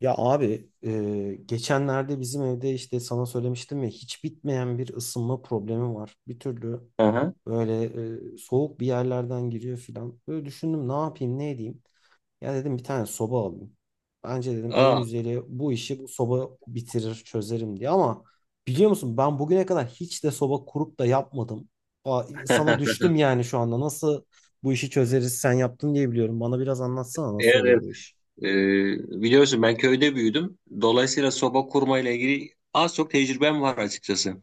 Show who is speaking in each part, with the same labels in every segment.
Speaker 1: Ya abi geçenlerde bizim evde işte sana söylemiştim ya hiç bitmeyen bir ısınma problemi var. Bir türlü
Speaker 2: Aha.
Speaker 1: böyle soğuk bir yerlerden giriyor filan. Böyle düşündüm ne yapayım ne edeyim. Ya dedim bir tane soba alayım. Bence dedim en
Speaker 2: Aa.
Speaker 1: güzeli bu işi bu soba bitirir çözerim diye. Ama biliyor musun ben bugüne kadar hiç de soba kurup da yapmadım. Aa, sana düştüm yani şu anda nasıl bu işi çözeriz sen yaptın diye biliyorum. Bana biraz anlatsana nasıl oluyor
Speaker 2: Evet.
Speaker 1: bu iş.
Speaker 2: Ee, Biliyorsun ben köyde büyüdüm. Dolayısıyla soba kurma ile ilgili az çok tecrübem var açıkçası.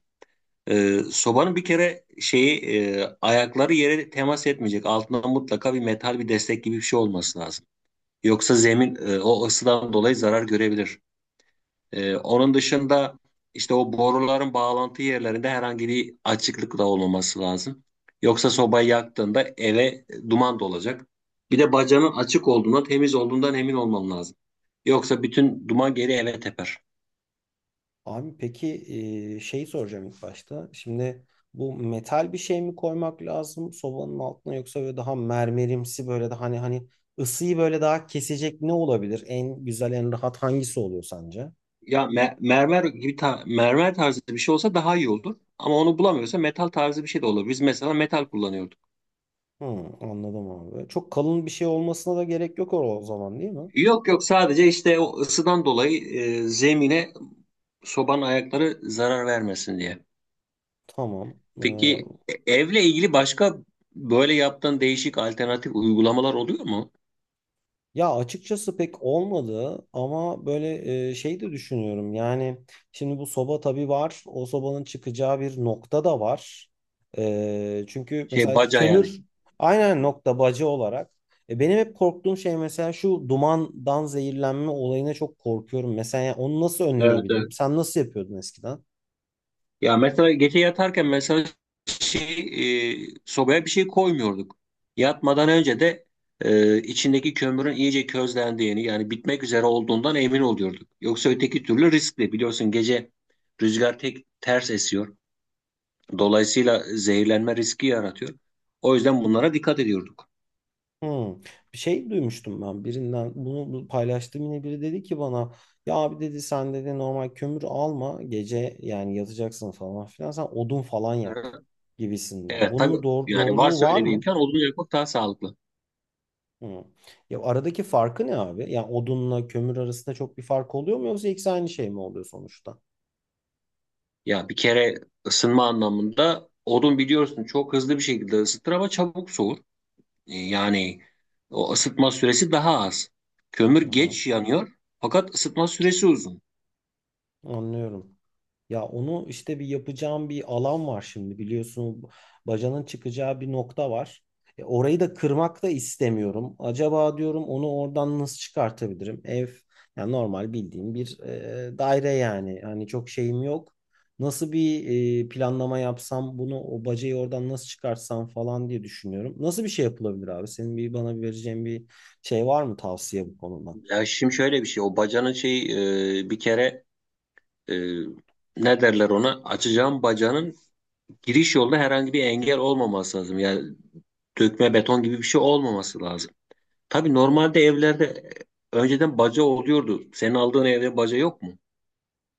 Speaker 2: Sobanın bir kere ayakları yere temas etmeyecek. Altında mutlaka bir metal bir destek gibi bir şey olması lazım. Yoksa zemin o ısıdan dolayı zarar görebilir. Onun dışında işte o boruların bağlantı yerlerinde herhangi bir açıklık da olmaması lazım. Yoksa sobayı yaktığında eve duman dolacak. Bir de bacanın açık olduğundan, temiz olduğundan emin olman lazım. Yoksa bütün duman geri eve teper.
Speaker 1: Abi peki şey soracağım ilk başta. Şimdi bu metal bir şey mi koymak lazım sobanın altına yoksa böyle daha mermerimsi böyle daha hani ısıyı böyle daha kesecek ne olabilir? En güzel en rahat hangisi oluyor sence?
Speaker 2: Ya mermer gibi mermer tarzı bir şey olsa daha iyi olur. Ama onu bulamıyorsa metal tarzı bir şey de olur. Biz mesela metal kullanıyorduk.
Speaker 1: Hı, anladım abi. Çok kalın bir şey olmasına da gerek yok o zaman değil mi?
Speaker 2: Yok yok, sadece işte o ısıdan dolayı zemine sobanın ayakları zarar vermesin diye.
Speaker 1: Tamam. Ee,
Speaker 2: Peki, evle ilgili başka böyle yaptığın değişik alternatif uygulamalar oluyor mu?
Speaker 1: Ya açıkçası pek olmadı ama böyle şey de düşünüyorum. Yani şimdi bu soba tabii var. O sobanın çıkacağı bir nokta da var. E, çünkü
Speaker 2: Şey,
Speaker 1: mesela
Speaker 2: baca yani.
Speaker 1: kömür aynen nokta bacı olarak. E, benim hep korktuğum şey mesela şu dumandan zehirlenme olayına çok korkuyorum. Mesela yani onu nasıl
Speaker 2: Evet,
Speaker 1: önleyebilirim?
Speaker 2: evet.
Speaker 1: Sen nasıl yapıyordun eskiden?
Speaker 2: Ya mesela gece yatarken, mesela şey sobaya bir şey koymuyorduk. Yatmadan önce de içindeki kömürün iyice közlendiğini, yani bitmek üzere olduğundan emin oluyorduk. Yoksa öteki türlü riskli. Biliyorsun, gece rüzgar tek ters esiyor. Dolayısıyla zehirlenme riski yaratıyor. O yüzden bunlara dikkat ediyorduk.
Speaker 1: Hmm. Bir şey duymuştum ben birinden bunu paylaştığım yine biri dedi ki bana ya abi dedi sen dedi normal kömür alma gece yani yatacaksın falan filan sen odun falan yak gibisinden.
Speaker 2: Evet, tabii,
Speaker 1: Bunun
Speaker 2: yani
Speaker 1: doğruluğu
Speaker 2: varsa
Speaker 1: var
Speaker 2: öyle bir
Speaker 1: mı?
Speaker 2: imkan, odun yakmak daha sağlıklı.
Speaker 1: Hmm. Ya aradaki farkı ne abi? Yani odunla kömür arasında çok bir fark oluyor mu yoksa ikisi aynı şey mi oluyor sonuçta?
Speaker 2: Ya bir kere ısınma anlamında odun biliyorsun çok hızlı bir şekilde ısıtır ama çabuk soğur. Yani o ısıtma süresi daha az. Kömür
Speaker 1: Hı hı.
Speaker 2: geç yanıyor fakat ısıtma süresi uzun.
Speaker 1: Anlıyorum. Ya onu işte bir yapacağım bir alan var şimdi biliyorsun bacanın çıkacağı bir nokta var. E, orayı da kırmak da istemiyorum. Acaba diyorum onu oradan nasıl çıkartabilirim? Ev yani normal bildiğim bir daire yani. Hani çok şeyim yok. Nasıl bir planlama yapsam bunu o bacayı oradan nasıl çıkartsam falan diye düşünüyorum. Nasıl bir şey yapılabilir abi? Senin bir bana bir vereceğin bir şey var mı tavsiye bu konuda?
Speaker 2: Ya şimdi şöyle bir şey, o bacanın bir kere e, ne derler ona, açacağım bacanın giriş yolda herhangi bir engel olmaması lazım. Yani dökme beton gibi bir şey olmaması lazım. Tabii normalde evlerde önceden baca oluyordu. Senin aldığın evde baca yok mu?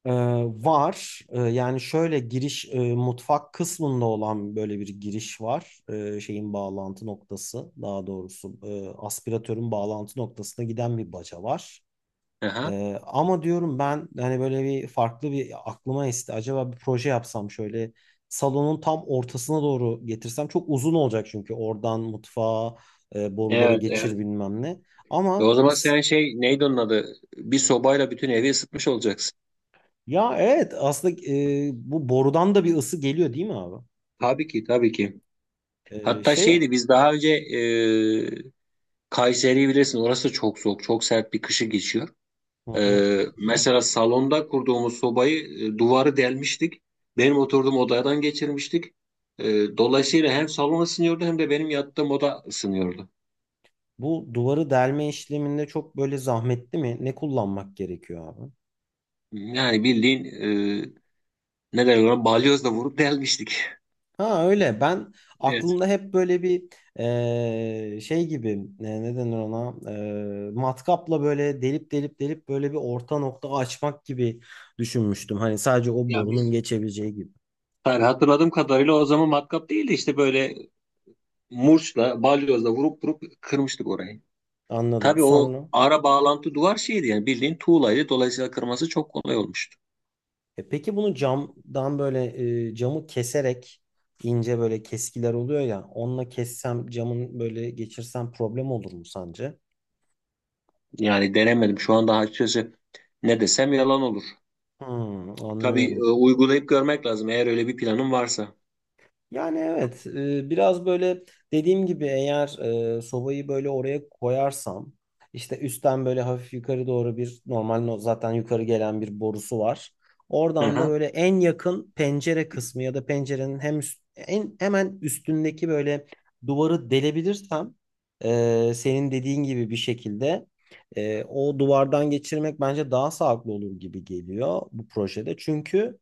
Speaker 1: Ee, var. Yani şöyle giriş mutfak kısmında olan böyle bir giriş var. Şeyin bağlantı noktası daha doğrusu aspiratörün bağlantı noktasına giden bir baca var.
Speaker 2: Aha.
Speaker 1: Ama diyorum ben hani böyle bir farklı bir aklıma esti. Acaba bir proje yapsam şöyle salonun tam ortasına doğru getirsem çok uzun olacak çünkü oradan mutfağa boruları
Speaker 2: Evet,
Speaker 1: geçir
Speaker 2: evet.
Speaker 1: bilmem ne.
Speaker 2: E o
Speaker 1: Ama
Speaker 2: zaman
Speaker 1: s-
Speaker 2: sen, şey neydi onun adı, bir sobayla bütün evi ısıtmış olacaksın.
Speaker 1: ya evet aslında bu borudan da bir ısı geliyor değil mi abi?
Speaker 2: Tabii ki, tabii ki.
Speaker 1: Ee,
Speaker 2: Hatta
Speaker 1: şey,
Speaker 2: şeydi, biz daha önce, Kayseri'yi bilirsin. Orası çok soğuk, çok sert bir kışı geçiyor.
Speaker 1: hı hı.
Speaker 2: Mesela salonda kurduğumuz sobayı, duvarı delmiştik. Benim oturduğum odadan geçirmiştik. E, Dolayısıyla hem salon ısınıyordu hem de benim yattığım oda ısınıyordu.
Speaker 1: Bu duvarı delme işleminde çok böyle zahmetli mi? Ne kullanmak gerekiyor abi?
Speaker 2: Yani bildiğin, ne derler ona, balyozla vurup delmiştik.
Speaker 1: Ha öyle. Ben
Speaker 2: Evet.
Speaker 1: aklımda hep böyle bir şey gibi ne denir ona? Matkapla böyle delip böyle bir orta nokta açmak gibi düşünmüştüm. Hani sadece o
Speaker 2: Ya
Speaker 1: borunun
Speaker 2: biz,
Speaker 1: geçebileceği gibi.
Speaker 2: yani hatırladığım kadarıyla o zaman matkap değildi, işte böyle murçla balyozla vurup kırmıştık orayı.
Speaker 1: Anladım.
Speaker 2: Tabii o
Speaker 1: Sonra.
Speaker 2: ara bağlantı duvar şeydi, yani bildiğin tuğlaydı. Dolayısıyla kırması çok kolay olmuştu.
Speaker 1: E peki bunu camdan böyle camı keserek ince böyle keskiler oluyor ya onunla kessem camın böyle geçirsem problem olur mu sence?
Speaker 2: Yani denemedim. Şu anda açıkçası ne desem yalan olur.
Speaker 1: Hmm,
Speaker 2: Tabii,
Speaker 1: anlıyorum.
Speaker 2: uygulayıp görmek lazım eğer öyle bir planın varsa.
Speaker 1: Yani evet, biraz böyle dediğim gibi eğer sobayı böyle oraya koyarsam işte üstten böyle hafif yukarı doğru bir normal zaten yukarı gelen bir borusu var. Oradan da
Speaker 2: Aha,
Speaker 1: böyle en yakın pencere kısmı ya da pencerenin hem en hemen üstündeki böyle duvarı delebilirsem senin dediğin gibi bir şekilde o duvardan geçirmek bence daha sağlıklı olur gibi geliyor bu projede. Çünkü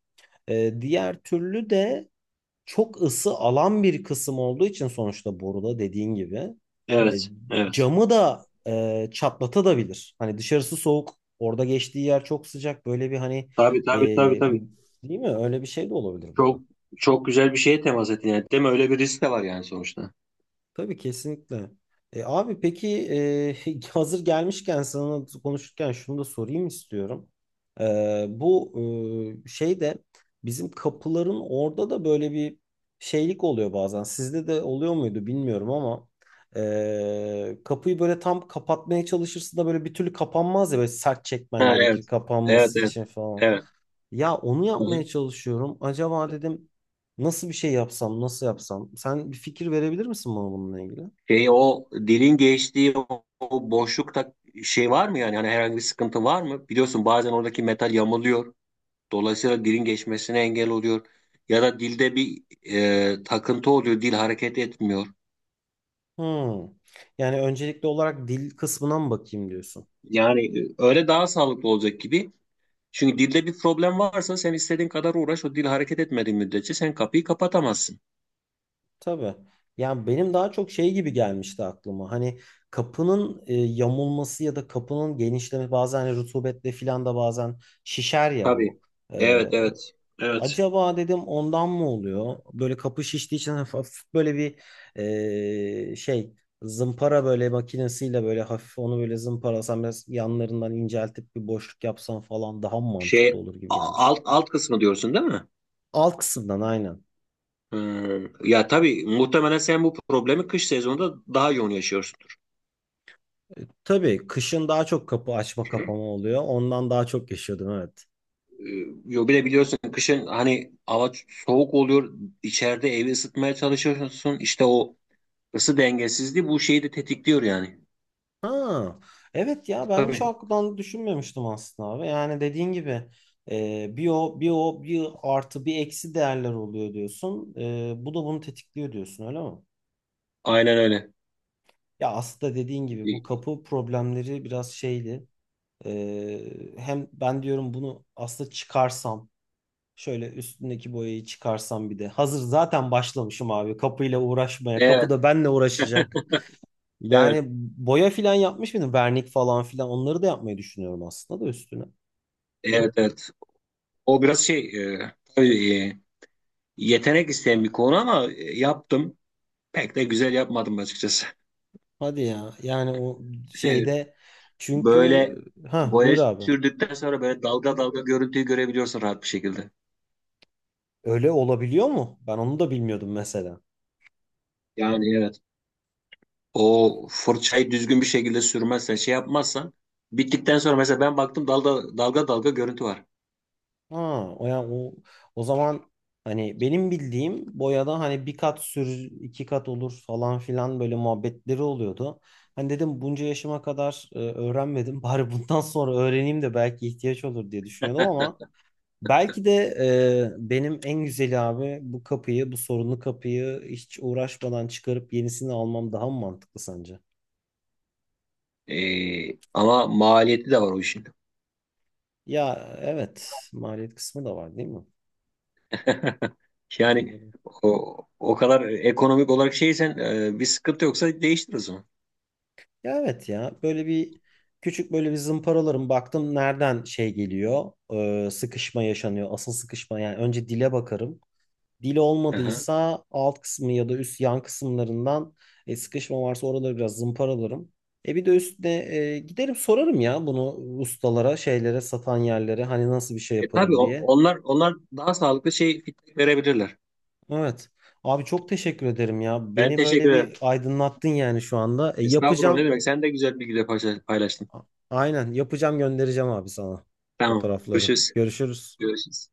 Speaker 1: diğer türlü de çok ısı alan bir kısım olduğu için sonuçta boruda dediğin gibi e,
Speaker 2: evet, evet.
Speaker 1: camı da çatlatabilir. Hani dışarısı soğuk, orada geçtiği yer çok sıcak. Böyle bir hani
Speaker 2: Tabii, tabii, tabii,
Speaker 1: e,
Speaker 2: tabii.
Speaker 1: değil mi? Öyle bir şey de olabilir
Speaker 2: Çok
Speaker 1: burada.
Speaker 2: çok güzel bir şeye temas ettin yani. Değil mi? Öyle bir risk de var yani sonuçta.
Speaker 1: Tabii kesinlikle. E, abi peki hazır gelmişken sana konuşurken şunu da sorayım istiyorum. E, bu şey de bizim kapıların orada da böyle bir şeylik oluyor bazen. Sizde de oluyor muydu bilmiyorum ama kapıyı böyle tam kapatmaya çalışırsın da böyle bir türlü kapanmaz ya böyle sert çekmen
Speaker 2: Ha,
Speaker 1: gerekir
Speaker 2: evet. Evet,
Speaker 1: kapanması
Speaker 2: evet.
Speaker 1: için falan.
Speaker 2: Evet.
Speaker 1: Ya onu
Speaker 2: Hı
Speaker 1: yapmaya
Speaker 2: hı.
Speaker 1: çalışıyorum. Acaba dedim nasıl bir şey yapsam, nasıl yapsam? Sen bir fikir verebilir misin bana bununla ilgili?
Speaker 2: Şey, o dilin geçtiği o boşlukta şey var mı yani? Hani herhangi bir sıkıntı var mı? Biliyorsun bazen oradaki metal yamuluyor. Dolayısıyla dilin geçmesine engel oluyor. Ya da dilde bir takıntı oluyor. Dil hareket etmiyor.
Speaker 1: Hmm. Yani öncelikli olarak dil kısmına mı bakayım diyorsun?
Speaker 2: Yani, öyle daha sağlıklı olacak gibi. Çünkü dilde bir problem varsa sen istediğin kadar uğraş, o dil hareket etmediği müddetçe sen kapıyı kapatamazsın.
Speaker 1: Tabii. Yani benim daha çok şey gibi gelmişti aklıma. Hani kapının yamulması ya da kapının genişlemesi bazen hani rutubetle filan da bazen şişer ya
Speaker 2: Tabii.
Speaker 1: bu.
Speaker 2: Evet, evet. Evet.
Speaker 1: Acaba dedim ondan mı oluyor? Böyle kapı şiştiği için hafif, hafif böyle bir şey zımpara böyle makinesiyle böyle hafif onu böyle zımparalasam biraz yanlarından inceltip bir boşluk yapsam falan daha mı
Speaker 2: Şey,
Speaker 1: mantıklı olur gibi gelmişti.
Speaker 2: alt kısmı diyorsun değil mi?
Speaker 1: Alt kısımdan aynen.
Speaker 2: Hmm. Ya tabii, muhtemelen sen bu problemi kış sezonunda daha yoğun yaşıyorsundur.
Speaker 1: Tabii kışın daha çok kapı açma kapama oluyor. Ondan daha çok yaşıyordum evet.
Speaker 2: Ee, Yo, bir de biliyorsun kışın hani hava soğuk oluyor. İçeride evi ısıtmaya çalışıyorsun. İşte o ısı dengesizliği bu şeyi de tetikliyor yani.
Speaker 1: Ha, evet ya ben hiç o
Speaker 2: Tabii.
Speaker 1: açıdan düşünmemiştim aslında abi. Yani dediğin gibi bir o bir artı bir eksi değerler oluyor diyorsun. E, bu da bunu tetikliyor diyorsun öyle mi?
Speaker 2: Aynen öyle.
Speaker 1: Ya aslında dediğin gibi bu kapı problemleri biraz şeydi. E, hem ben diyorum bunu aslında çıkarsam şöyle üstündeki boyayı çıkarsam bir de hazır zaten başlamışım abi kapıyla uğraşmaya kapı
Speaker 2: Evet,
Speaker 1: da benle uğraşacak.
Speaker 2: evet,
Speaker 1: Yani boya filan yapmış mıydım? Vernik falan filan onları da yapmayı düşünüyorum aslında da üstüne.
Speaker 2: evet, evet. O biraz tabii, yetenek isteyen bir konu ama yaptım. Pek de güzel yapmadım açıkçası.
Speaker 1: Hadi ya. Yani o
Speaker 2: Evet.
Speaker 1: şeyde çünkü
Speaker 2: Böyle
Speaker 1: ha
Speaker 2: boya
Speaker 1: buyur abi.
Speaker 2: sürdükten sonra böyle dalga dalga görüntüyü görebiliyorsun rahat bir şekilde.
Speaker 1: Öyle olabiliyor mu? Ben onu da bilmiyordum mesela.
Speaker 2: Yani evet. O fırçayı düzgün bir şekilde sürmezsen, şey yapmazsan, bittikten sonra mesela ben baktım dalga dalga dalga görüntü var.
Speaker 1: Ha o yani o zaman hani benim bildiğim boyada hani bir kat sür iki kat olur falan filan böyle muhabbetleri oluyordu. Hani dedim bunca yaşıma kadar öğrenmedim. Bari bundan sonra öğreneyim de belki ihtiyaç olur diye düşünüyordum ama belki de benim en güzeli abi bu kapıyı, bu sorunlu kapıyı hiç uğraşmadan çıkarıp yenisini almam daha mı mantıklı sence?
Speaker 2: Ama maliyeti de var o işin.
Speaker 1: Ya evet, maliyet kısmı da var değil mi?
Speaker 2: Yani
Speaker 1: Doğru.
Speaker 2: o kadar ekonomik olarak şeysen, bir sıkıntı yoksa değiştir o zaman.
Speaker 1: Ya evet ya böyle bir küçük böyle bir zımparalarım baktım nereden şey geliyor, sıkışma yaşanıyor, asıl sıkışma yani önce dile bakarım. Dili
Speaker 2: Aha.
Speaker 1: olmadıysa alt kısmı ya da üst yan kısımlarından sıkışma varsa oraları biraz zımparalarım. E bir de üstüne giderim sorarım ya bunu ustalara, şeylere, satan yerlere hani nasıl bir şey
Speaker 2: E, tabii
Speaker 1: yaparım diye.
Speaker 2: onlar daha sağlıklı şey feedback verebilirler.
Speaker 1: Evet. Abi çok teşekkür ederim ya.
Speaker 2: Ben
Speaker 1: Beni böyle
Speaker 2: teşekkür ederim.
Speaker 1: bir aydınlattın yani şu anda. E,
Speaker 2: Estağfurullah, ne
Speaker 1: yapacağım.
Speaker 2: demek? Sen de güzel bilgiler paylaştın.
Speaker 1: A- aynen yapacağım göndereceğim abi sana
Speaker 2: Tamam.
Speaker 1: fotoğrafları.
Speaker 2: Görüşürüz.
Speaker 1: Görüşürüz.
Speaker 2: Görüşürüz.